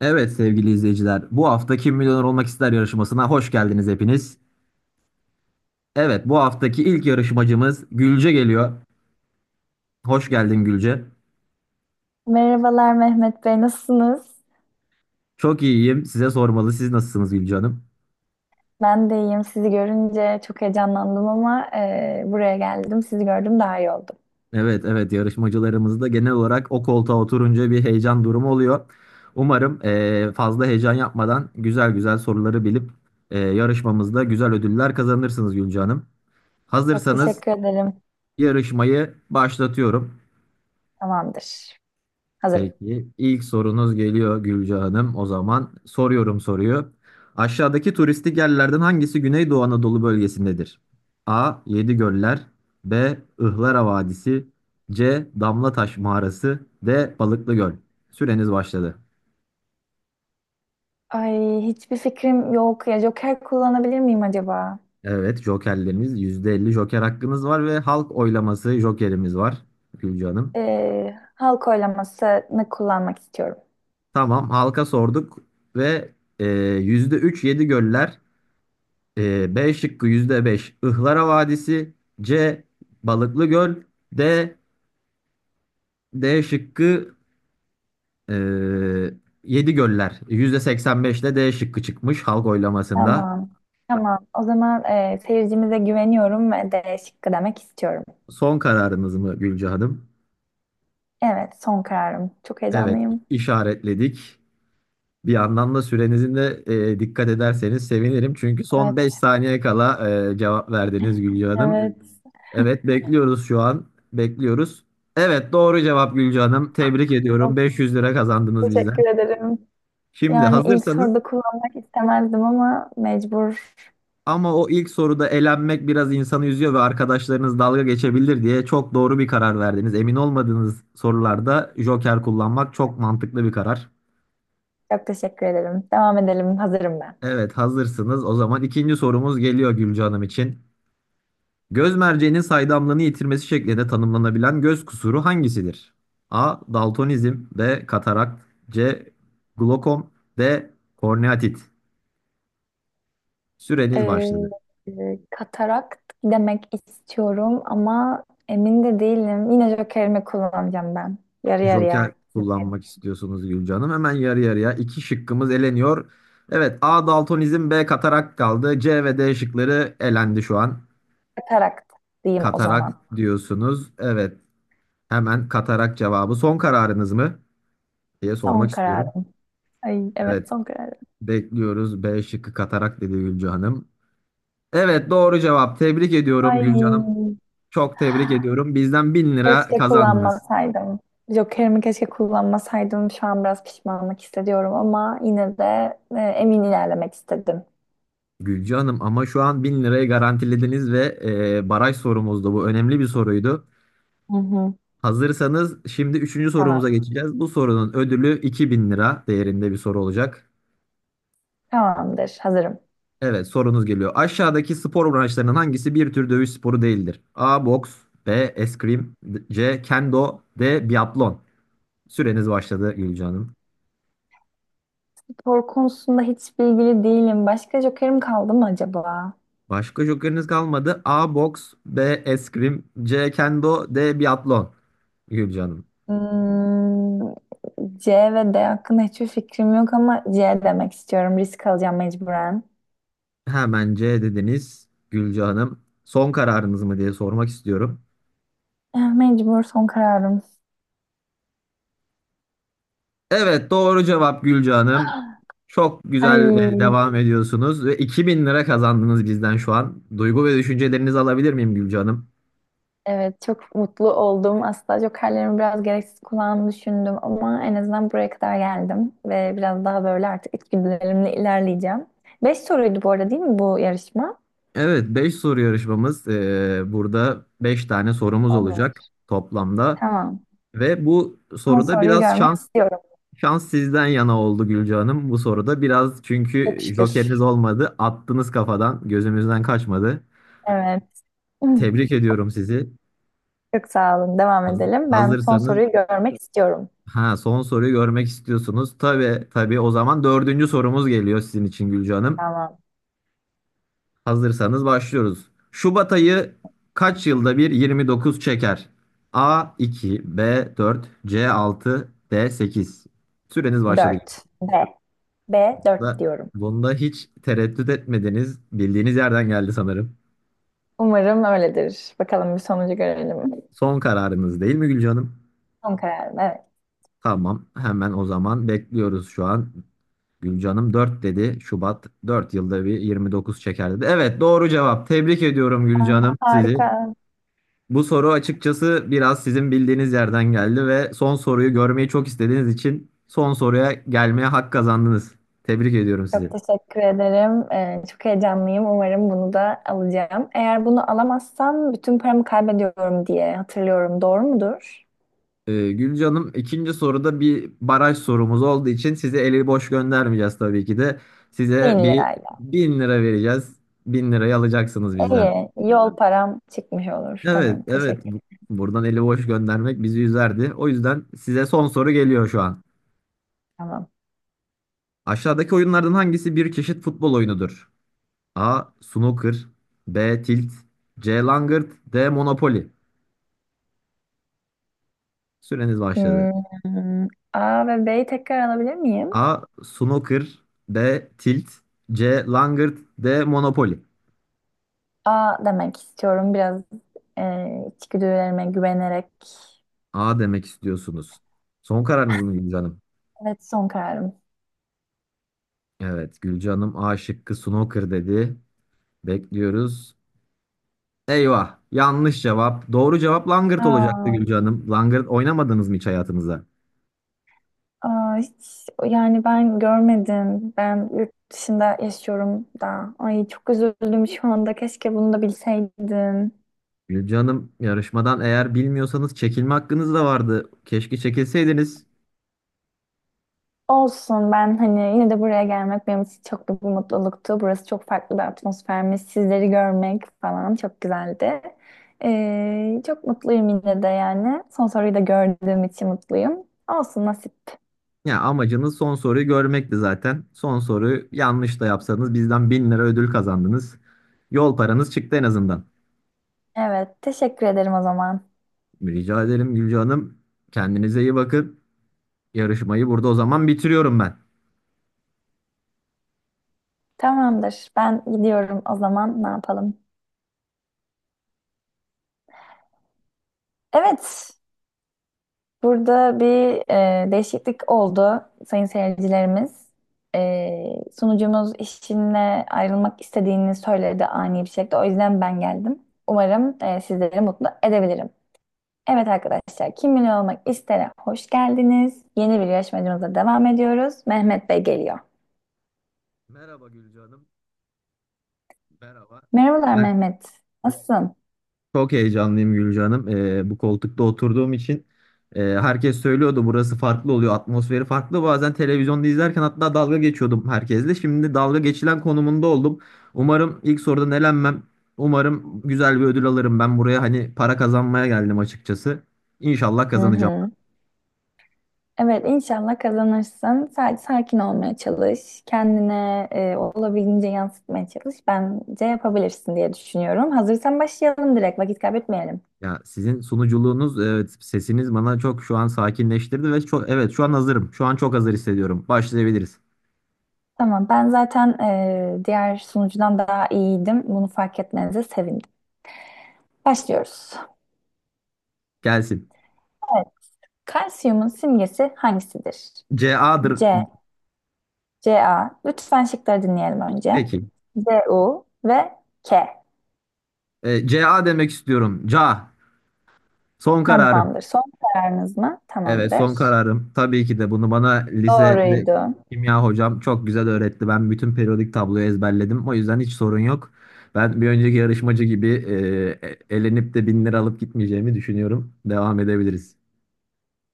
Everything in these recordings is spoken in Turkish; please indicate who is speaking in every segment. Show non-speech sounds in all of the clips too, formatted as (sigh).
Speaker 1: Evet sevgili izleyiciler, bu hafta Kim Milyoner Olmak İster yarışmasına hoş geldiniz hepiniz. Evet, bu haftaki ilk yarışmacımız Gülce geliyor. Hoş geldin Gülce.
Speaker 2: Merhabalar Mehmet Bey, nasılsınız?
Speaker 1: Çok iyiyim. Size sormalı. Siz nasılsınız Gülce Hanım?
Speaker 2: Ben de iyiyim. Sizi görünce çok heyecanlandım ama buraya geldim. Sizi gördüm daha iyi oldum.
Speaker 1: Evet, evet yarışmacılarımızda genel olarak o koltuğa oturunca bir heyecan durumu oluyor. Umarım fazla heyecan yapmadan güzel güzel soruları bilip yarışmamızda güzel ödüller kazanırsınız Gülce Hanım.
Speaker 2: Çok
Speaker 1: Hazırsanız
Speaker 2: teşekkür ederim.
Speaker 1: yarışmayı başlatıyorum.
Speaker 2: Tamamdır. Hazırım.
Speaker 1: Peki ilk sorunuz geliyor Gülce Hanım. O zaman soruyorum soruyu. Aşağıdaki turistik yerlerden hangisi Güneydoğu Anadolu bölgesindedir? A. Yedigöller, B. Ihlara Vadisi, C. Damlataş Mağarası, D. Balıklı Göl. Süreniz başladı.
Speaker 2: Ay hiçbir fikrim yok ya. Joker kullanabilir miyim acaba?
Speaker 1: Evet, jokerleriniz, %50 joker hakkınız var ve halk oylaması jokerimiz var Gülce Hanım.
Speaker 2: Halk oylamasını kullanmak istiyorum.
Speaker 1: Tamam, halka sorduk ve %3 Yedigöller, B şıkkı %5, Ihlara Vadisi. C. Balıklı Göl. D. D şıkkı e, Yedi Göller. %85'le D şıkkı çıkmış halk oylamasında.
Speaker 2: Tamam. Tamam. O zaman seyircimize güveniyorum ve D şıkkı demek istiyorum.
Speaker 1: Son kararınız mı Gülce Hanım?
Speaker 2: Evet, son kararım. Çok
Speaker 1: Evet,
Speaker 2: heyecanlıyım.
Speaker 1: işaretledik. Bir yandan da sürenizin de dikkat ederseniz sevinirim. Çünkü son 5
Speaker 2: Evet.
Speaker 1: saniye kala cevap verdiniz Gülce Hanım.
Speaker 2: Evet.
Speaker 1: Evet, bekliyoruz şu an. Bekliyoruz. Evet, doğru cevap Gülce Hanım. Tebrik ediyorum.
Speaker 2: Of,
Speaker 1: Beş yüz lira kazandınız bizden.
Speaker 2: teşekkür ederim.
Speaker 1: Şimdi
Speaker 2: Yani ilk
Speaker 1: hazırsanız
Speaker 2: soruda kullanmak istemezdim ama mecbur.
Speaker 1: ama o ilk soruda elenmek biraz insanı üzüyor ve arkadaşlarınız dalga geçebilir diye çok doğru bir karar verdiniz. Emin olmadığınız sorularda joker kullanmak çok mantıklı bir karar.
Speaker 2: Çok teşekkür ederim. Devam edelim. Hazırım ben.
Speaker 1: Evet, hazırsınız. O zaman ikinci sorumuz geliyor Gülce Hanım için. Göz merceğinin saydamlığını yitirmesi şeklinde tanımlanabilen göz kusuru hangisidir? A. Daltonizm, B. Katarakt, C. Glokom, D. Korneatit. Süreniz
Speaker 2: Ee,
Speaker 1: başladı.
Speaker 2: Katarakt demek istiyorum ama emin de değilim. Yine jokerimi kullanacağım ben. Yarı
Speaker 1: Joker
Speaker 2: yarıya.
Speaker 1: kullanmak istiyorsunuz Gülce Hanım. Hemen yarı yarıya iki şıkkımız eleniyor. Evet, A daltonizm, B katarak kaldı. C ve D şıkları elendi şu an.
Speaker 2: Katarakt diyeyim o
Speaker 1: Katarak
Speaker 2: zaman.
Speaker 1: diyorsunuz. Evet, hemen katarak cevabı. Son kararınız mı diye
Speaker 2: Son
Speaker 1: sormak istiyorum.
Speaker 2: kararım. Ay evet
Speaker 1: Evet,
Speaker 2: son kararım.
Speaker 1: bekliyoruz. B şıkkı katarak dedi Gülce Hanım. Evet, doğru cevap. Tebrik ediyorum
Speaker 2: Ay
Speaker 1: Gülce Hanım. Çok tebrik ediyorum. Bizden 1.000 lira
Speaker 2: keşke
Speaker 1: kazandınız.
Speaker 2: kullanmasaydım. Jokerimi keşke kullanmasaydım. Şu an biraz pişmanlık hissediyorum ama yine de emin ilerlemek istedim.
Speaker 1: Gülce Hanım, ama şu an 1.000 lirayı garantilediniz ve baraj sorumuzdu. Bu önemli bir soruydu.
Speaker 2: Hı hı.
Speaker 1: Hazırsanız şimdi üçüncü sorumuza
Speaker 2: Tamam.
Speaker 1: geçeceğiz. Bu sorunun ödülü 2.000 lira değerinde bir soru olacak.
Speaker 2: Tamamdır. Hazırım.
Speaker 1: Evet, sorunuz geliyor. Aşağıdaki spor branşlarının hangisi bir tür dövüş sporu değildir? A. Boks, B. Eskrim, C. Kendo, D. Biatlon. Süreniz başladı Gülce Hanım.
Speaker 2: Spor konusunda hiç bilgili değilim. Başka jokerim kaldı mı acaba?
Speaker 1: Başka jokeriniz kalmadı. A. Boks, B. Eskrim, C. Kendo, D. Biatlon. Gülce Hanım.
Speaker 2: Hmm, C ve D hakkında hiçbir fikrim yok ama C demek istiyorum. Risk alacağım mecburen.
Speaker 1: Hemen C dediniz Gülce Hanım. Son kararınız mı diye sormak istiyorum.
Speaker 2: Mecbur son kararım.
Speaker 1: Evet, doğru cevap Gülce Hanım. Çok
Speaker 2: Ay,
Speaker 1: güzel, devam ediyorsunuz ve 2.000 lira kazandınız bizden şu an. Duygu ve düşüncelerinizi alabilir miyim Gülce Hanım?
Speaker 2: evet, çok mutlu oldum. Aslında jokerlerimi biraz gereksiz kullandığını düşündüm ama en azından buraya kadar geldim ve biraz daha böyle artık içgüdülerimle ilerleyeceğim. Beş soruydu bu arada değil mi bu yarışma?
Speaker 1: Evet, 5 soru yarışmamız. Burada 5 tane sorumuz
Speaker 2: Olur.
Speaker 1: olacak toplamda.
Speaker 2: Tamam.
Speaker 1: Ve bu
Speaker 2: Son
Speaker 1: soruda
Speaker 2: soruyu
Speaker 1: biraz
Speaker 2: görmek
Speaker 1: şans
Speaker 2: istiyorum.
Speaker 1: şans sizden yana oldu Gülce Hanım. Bu soruda biraz,
Speaker 2: Çok
Speaker 1: çünkü
Speaker 2: şükür.
Speaker 1: jokeriniz olmadı. Attınız, kafadan gözümüzden kaçmadı.
Speaker 2: Evet. (clears throat) Hmm.
Speaker 1: Tebrik ediyorum sizi.
Speaker 2: Çok sağ olun. Devam edelim. Ben son
Speaker 1: Hazırsanız,
Speaker 2: soruyu görmek istiyorum.
Speaker 1: ha, son soruyu görmek istiyorsunuz. Tabii tabii, o zaman dördüncü sorumuz geliyor sizin için Gülce Hanım.
Speaker 2: Tamam.
Speaker 1: Hazırsanız başlıyoruz. Şubat ayı kaç yılda bir 29 çeker? A 2, B 4, C 6, D 8. Süreniz başladı.
Speaker 2: Dört. B. B dört
Speaker 1: Bunda,
Speaker 2: diyorum.
Speaker 1: bunda hiç tereddüt etmediniz. Bildiğiniz yerden geldi sanırım.
Speaker 2: Umarım öyledir. Bakalım bir sonucu görelim.
Speaker 1: Son kararınız değil mi Gülce Hanım?
Speaker 2: Son kararım. Evet.
Speaker 1: Tamam. Hemen o zaman bekliyoruz şu an. Gülcanım 4 dedi. Şubat 4 yılda bir 29 çeker dedi. Evet, doğru cevap. Tebrik ediyorum
Speaker 2: Aa,
Speaker 1: Gülcanım
Speaker 2: harika.
Speaker 1: sizi. Bu soru açıkçası biraz sizin bildiğiniz yerden geldi ve son soruyu görmeyi çok istediğiniz için son soruya gelmeye hak kazandınız. Tebrik ediyorum
Speaker 2: Çok
Speaker 1: sizi.
Speaker 2: teşekkür ederim. Çok heyecanlıyım. Umarım bunu da alacağım. Eğer bunu alamazsam bütün paramı kaybediyorum diye hatırlıyorum. Doğru mudur?
Speaker 1: Gülcanım, ikinci soruda bir baraj sorumuz olduğu için size eli boş göndermeyeceğiz tabii ki de.
Speaker 2: Bin
Speaker 1: Size
Speaker 2: lirayla.
Speaker 1: bin lira vereceğiz. 1.000 lirayı alacaksınız bizden.
Speaker 2: İyi. Yol param çıkmış olur.
Speaker 1: Evet,
Speaker 2: Tamam.
Speaker 1: evet.
Speaker 2: Teşekkür.
Speaker 1: Buradan eli boş göndermek bizi üzerdi. O yüzden size son soru geliyor şu an.
Speaker 2: Tamam.
Speaker 1: Aşağıdaki oyunlardan hangisi bir çeşit futbol oyunudur? A. Snooker, B. Tilt, C. Langırt, D. Monopoly. Süreniz başladı.
Speaker 2: Hmm, A ve B'yi tekrar alabilir miyim?
Speaker 1: A. Snooker, B. Tilt, C. Langırt, D. Monopoly.
Speaker 2: A demek istiyorum. Biraz e, içgüdülerime güvenerek.
Speaker 1: A demek istiyorsunuz. Son kararınız mı Gülcan Hanım?
Speaker 2: Evet son kararım.
Speaker 1: Evet, Gülcan Hanım A şıkkı snooker dedi. Bekliyoruz. Eyvah. Yanlış cevap. Doğru cevap langırt olacaktı
Speaker 2: A.
Speaker 1: Gülce Hanım. Langırt oynamadınız mı hiç hayatınızda?
Speaker 2: Aa, hiç, yani ben görmedim. Ben yurt dışında yaşıyorum da. Ay çok üzüldüm şu anda. Keşke bunu da bilseydim.
Speaker 1: Gülce Hanım, yarışmadan eğer bilmiyorsanız çekilme hakkınız da vardı. Keşke çekilseydiniz.
Speaker 2: Olsun, ben hani yine de buraya gelmek benim için çok büyük bir mutluluktu. Burası çok farklı bir atmosfermiş. Sizleri görmek falan çok güzeldi. Çok mutluyum yine de yani. Son soruyu da gördüğüm için mutluyum. Olsun, nasip.
Speaker 1: Ya amacınız son soruyu görmekti zaten. Son soruyu yanlış da yapsanız bizden 1.000 lira ödül kazandınız. Yol paranız çıktı en azından.
Speaker 2: Evet, teşekkür ederim o zaman.
Speaker 1: Rica ederim Gülce Hanım. Kendinize iyi bakın. Yarışmayı burada o zaman bitiriyorum ben.
Speaker 2: Tamamdır. Ben gidiyorum o zaman, ne yapalım? Evet, burada bir değişiklik oldu sayın seyircilerimiz. Sunucumuz işinle ayrılmak istediğini söyledi ani bir şekilde. O yüzden ben geldim. Umarım sizleri mutlu edebilirim. Evet arkadaşlar, Kim Milyon Olmak İster'e hoş geldiniz. Yeni bir yarışmacımıza devam ediyoruz. Mehmet Bey geliyor.
Speaker 1: Merhaba Gülce Hanım. Merhaba.
Speaker 2: Merhabalar
Speaker 1: Ben
Speaker 2: Mehmet, nasılsın?
Speaker 1: Çok heyecanlıyım Gülce Hanım. Bu koltukta oturduğum için herkes söylüyordu burası farklı oluyor, atmosferi farklı. Bazen televizyonda izlerken hatta dalga geçiyordum herkesle. Şimdi dalga geçilen konumunda oldum. Umarım ilk sorudan elenmem. Umarım güzel bir ödül alırım. Ben buraya hani para kazanmaya geldim açıkçası. İnşallah
Speaker 2: Hı
Speaker 1: kazanacağım.
Speaker 2: hı. Evet, inşallah kazanırsın. Sadece sakin olmaya çalış. Kendine olabildiğince yansıtmaya çalış. Bence yapabilirsin diye düşünüyorum. Hazırsan başlayalım direkt. Vakit kaybetmeyelim.
Speaker 1: Ya sizin sunuculuğunuz, evet, sesiniz bana çok şu an sakinleştirdi ve çok, evet, şu an hazırım. Şu an çok hazır hissediyorum. Başlayabiliriz.
Speaker 2: Tamam, ben zaten diğer sunucudan daha iyiydim. Bunu fark etmenize sevindim. Başlıyoruz.
Speaker 1: Gelsin.
Speaker 2: Evet. Kalsiyumun simgesi hangisidir?
Speaker 1: CA'dır.
Speaker 2: C, Ca. Lütfen şıkları dinleyelim önce.
Speaker 1: Peki.
Speaker 2: Cu ve K.
Speaker 1: CA demek istiyorum. CA. Son kararım.
Speaker 2: Tamamdır. Son kararınız mı?
Speaker 1: Evet,
Speaker 2: Tamamdır.
Speaker 1: son kararım. Tabii ki de bunu bana lisede
Speaker 2: Doğruydu.
Speaker 1: kimya hocam çok güzel öğretti. Ben bütün periyodik tabloyu ezberledim. O yüzden hiç sorun yok. Ben bir önceki yarışmacı gibi elenip de 1.000 lira alıp gitmeyeceğimi düşünüyorum. Devam edebiliriz.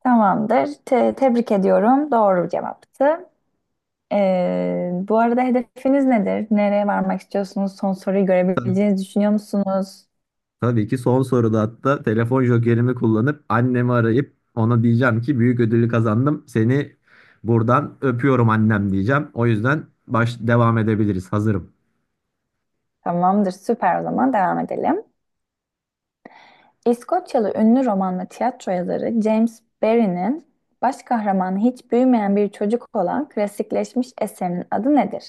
Speaker 2: Tamamdır. Tebrik ediyorum. Doğru cevaptı. Bu arada, hedefiniz nedir? Nereye varmak istiyorsunuz? Son soruyu
Speaker 1: Tabii,
Speaker 2: görebileceğinizi düşünüyor musunuz?
Speaker 1: tabii ki son soruda hatta telefon jokerimi kullanıp annemi arayıp ona diyeceğim ki büyük ödülü kazandım. Seni buradan öpüyorum annem diyeceğim. O yüzden devam edebiliriz. Hazırım.
Speaker 2: Tamamdır. Süper, o zaman devam edelim. İskoçyalı ünlü roman ve tiyatro yazarı James Barrie'nin baş kahramanı hiç büyümeyen bir çocuk olan klasikleşmiş eserinin adı nedir?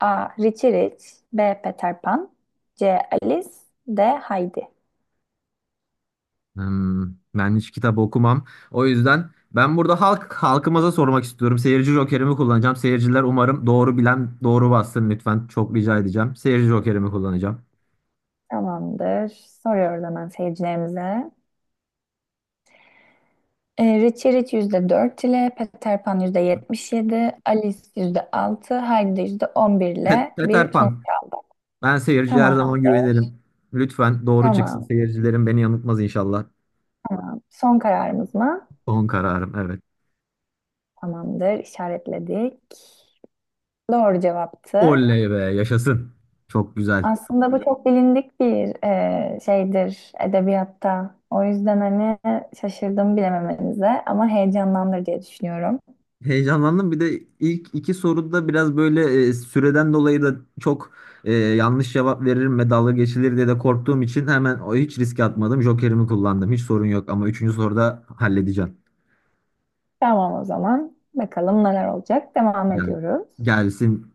Speaker 2: A. Richie Rich. B. Peter Pan. C. Alice. D. Heidi.
Speaker 1: Hmm, Ben hiç kitap okumam. O yüzden ben burada halkımıza sormak istiyorum. Seyirci jokerimi kullanacağım. Seyirciler umarım doğru bilen doğru bassın lütfen. Çok rica edeceğim. Seyirci jokerimi kullanacağım.
Speaker 2: Tamamdır. Soruyoruz hemen seyircilerimize. Richie Rich %4 ile, Peter Pan %77, Alice %6, Heidi de %11
Speaker 1: Pet
Speaker 2: ile
Speaker 1: Peter
Speaker 2: bir sonuç
Speaker 1: Pan.
Speaker 2: aldık.
Speaker 1: Ben seyirciye her zaman
Speaker 2: Tamamdır,
Speaker 1: güvenirim. Lütfen doğru çıksın.
Speaker 2: tamam.
Speaker 1: Seyircilerim beni yanıltmaz inşallah.
Speaker 2: Son kararımız mı?
Speaker 1: Son kararım, evet.
Speaker 2: Tamamdır, işaretledik. Doğru cevaptı.
Speaker 1: Oley be, yaşasın. Çok güzel.
Speaker 2: Aslında bu çok bilindik bir şeydir edebiyatta. O yüzden hani şaşırdım bilememenize ama heyecanlandır diye düşünüyorum.
Speaker 1: Heyecanlandım. Bir de ilk iki soruda biraz böyle süreden dolayı da çok yanlış cevap veririm ve dalga geçilir diye de korktuğum için hemen o hiç riske atmadım. Jokerimi kullandım. Hiç sorun yok, ama üçüncü soruda halledeceğim.
Speaker 2: Tamam o zaman. Bakalım neler olacak. Devam
Speaker 1: Gel,
Speaker 2: ediyoruz.
Speaker 1: gelsin.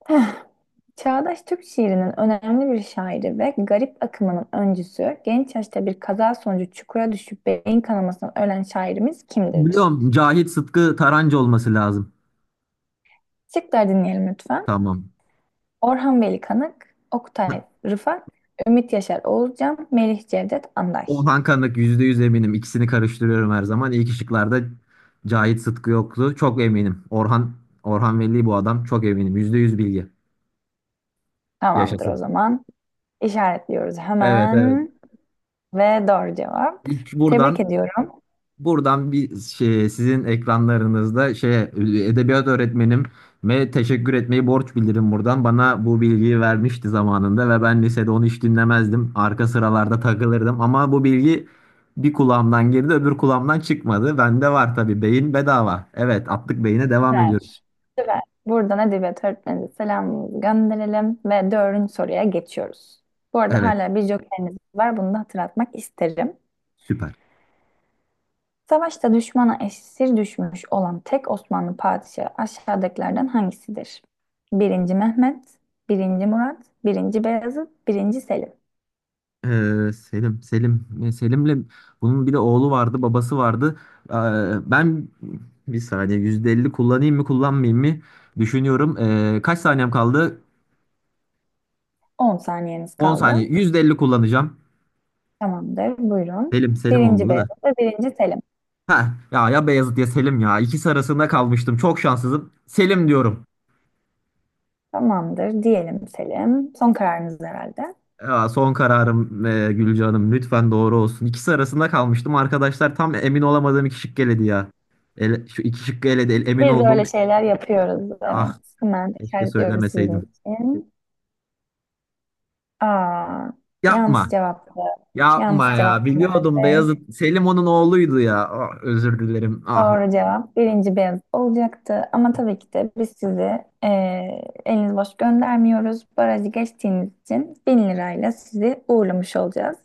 Speaker 2: (laughs) (sighs) Çağdaş Türk şiirinin önemli bir şairi ve garip akımının öncüsü, genç yaşta bir kaza sonucu çukura düşüp beyin kanamasından ölen şairimiz kimdir?
Speaker 1: Biliyorum, Cahit Sıtkı Tarancı olması lazım.
Speaker 2: Şıkları dinleyelim lütfen.
Speaker 1: Tamam.
Speaker 2: Orhan Veli Kanık, Oktay Rıfat, Ümit Yaşar Oğuzcan, Melih Cevdet Anday.
Speaker 1: Orhan Kanık, %100 eminim. İkisini karıştırıyorum her zaman. İlk şıklarda Cahit Sıtkı yoktu. Çok eminim. Orhan Veli bu adam. Çok eminim. %100 bilgi.
Speaker 2: Tamamdır o
Speaker 1: Yaşasın.
Speaker 2: zaman. İşaretliyoruz
Speaker 1: Evet, evet.
Speaker 2: hemen. Ve doğru cevap.
Speaker 1: İlk
Speaker 2: Tebrik
Speaker 1: buradan
Speaker 2: ediyorum.
Speaker 1: Buradan bir şey, sizin ekranlarınızda şey, edebiyat öğretmenime teşekkür etmeyi borç bilirim buradan. Bana bu bilgiyi vermişti zamanında ve ben lisede onu hiç dinlemezdim. Arka sıralarda takılırdım ama bu bilgi bir kulağımdan girdi, öbür kulağımdan çıkmadı. Bende var tabii, beyin bedava. Evet, attık beyine, devam ediyoruz.
Speaker 2: Süper. Süper. Buradan edebiyat öğretmenimize selamımızı gönderelim ve dördüncü soruya geçiyoruz. Bu arada
Speaker 1: Evet,
Speaker 2: hala bir jokeriniz var. Bunu da hatırlatmak isterim.
Speaker 1: süper.
Speaker 2: Savaşta düşmana esir düşmüş olan tek Osmanlı padişahı aşağıdakilerden hangisidir? Birinci Mehmet, birinci Murat, birinci Beyazıt, birinci Selim.
Speaker 1: Selim'le bunun bir de oğlu vardı, babası vardı. Ee, Ben bir saniye %50 kullanayım mı, kullanmayayım mı düşünüyorum. Kaç saniyem kaldı?
Speaker 2: On saniyeniz
Speaker 1: 10 saniye.
Speaker 2: kaldı.
Speaker 1: %50 kullanacağım.
Speaker 2: Tamamdır. Buyurun.
Speaker 1: Selim
Speaker 2: Birinci
Speaker 1: olmalı da.
Speaker 2: Beyazıt ve birinci Selim.
Speaker 1: Ha, ya ya Beyazıt ya Selim ya. İkisi arasında kalmıştım. Çok şanssızım. Selim diyorum.
Speaker 2: Tamamdır. Diyelim Selim. Son kararınız herhalde.
Speaker 1: Ya, son kararım Gülce Hanım. Lütfen doğru olsun. İkisi arasında kalmıştım. Arkadaşlar tam emin olamadığım iki şık eledi ya. Şu iki şıkkı eledi. Emin
Speaker 2: Biz de
Speaker 1: olduğum.
Speaker 2: öyle şeyler yapıyoruz. Evet.
Speaker 1: Ah.
Speaker 2: Hemen
Speaker 1: Keşke
Speaker 2: işaretliyoruz sizin
Speaker 1: söylemeseydim.
Speaker 2: için. Aa, yanlış
Speaker 1: Yapma.
Speaker 2: cevaptı. Yanlış
Speaker 1: Yapma ya.
Speaker 2: cevaptı Mehmet
Speaker 1: Biliyordum,
Speaker 2: Bey.
Speaker 1: Beyazıt. Selim onun oğluydu ya. Ah, özür dilerim. Ah.
Speaker 2: Doğru cevap birinci Beyaz olacaktı. Ama tabii ki de biz sizi eliniz boş göndermiyoruz. Barajı geçtiğiniz için 1000 lirayla sizi uğurlamış olacağız.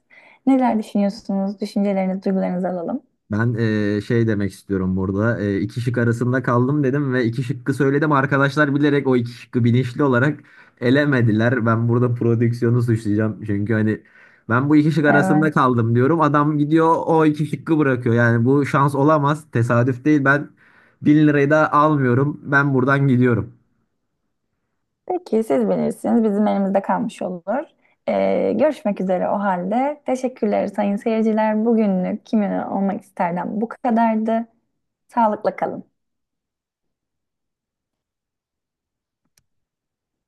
Speaker 2: Neler düşünüyorsunuz? Düşüncelerinizi, duygularınızı alalım.
Speaker 1: Ben şey demek istiyorum burada. İki şık arasında kaldım dedim ve iki şıkkı söyledim. Arkadaşlar bilerek o iki şıkkı bilinçli olarak elemediler. Ben burada prodüksiyonu suçlayacağım. Çünkü hani ben bu iki şık
Speaker 2: Evet.
Speaker 1: arasında kaldım diyorum. Adam gidiyor o iki şıkkı bırakıyor. Yani bu şans olamaz. Tesadüf değil. Ben 1.000 lirayı da almıyorum. Ben buradan gidiyorum.
Speaker 2: Peki, siz bilirsiniz. Bizim elimizde kalmış olur. Görüşmek üzere o halde. Teşekkürler sayın seyirciler. Bugünlük kimin olmak isterden bu kadardı. Sağlıkla kalın.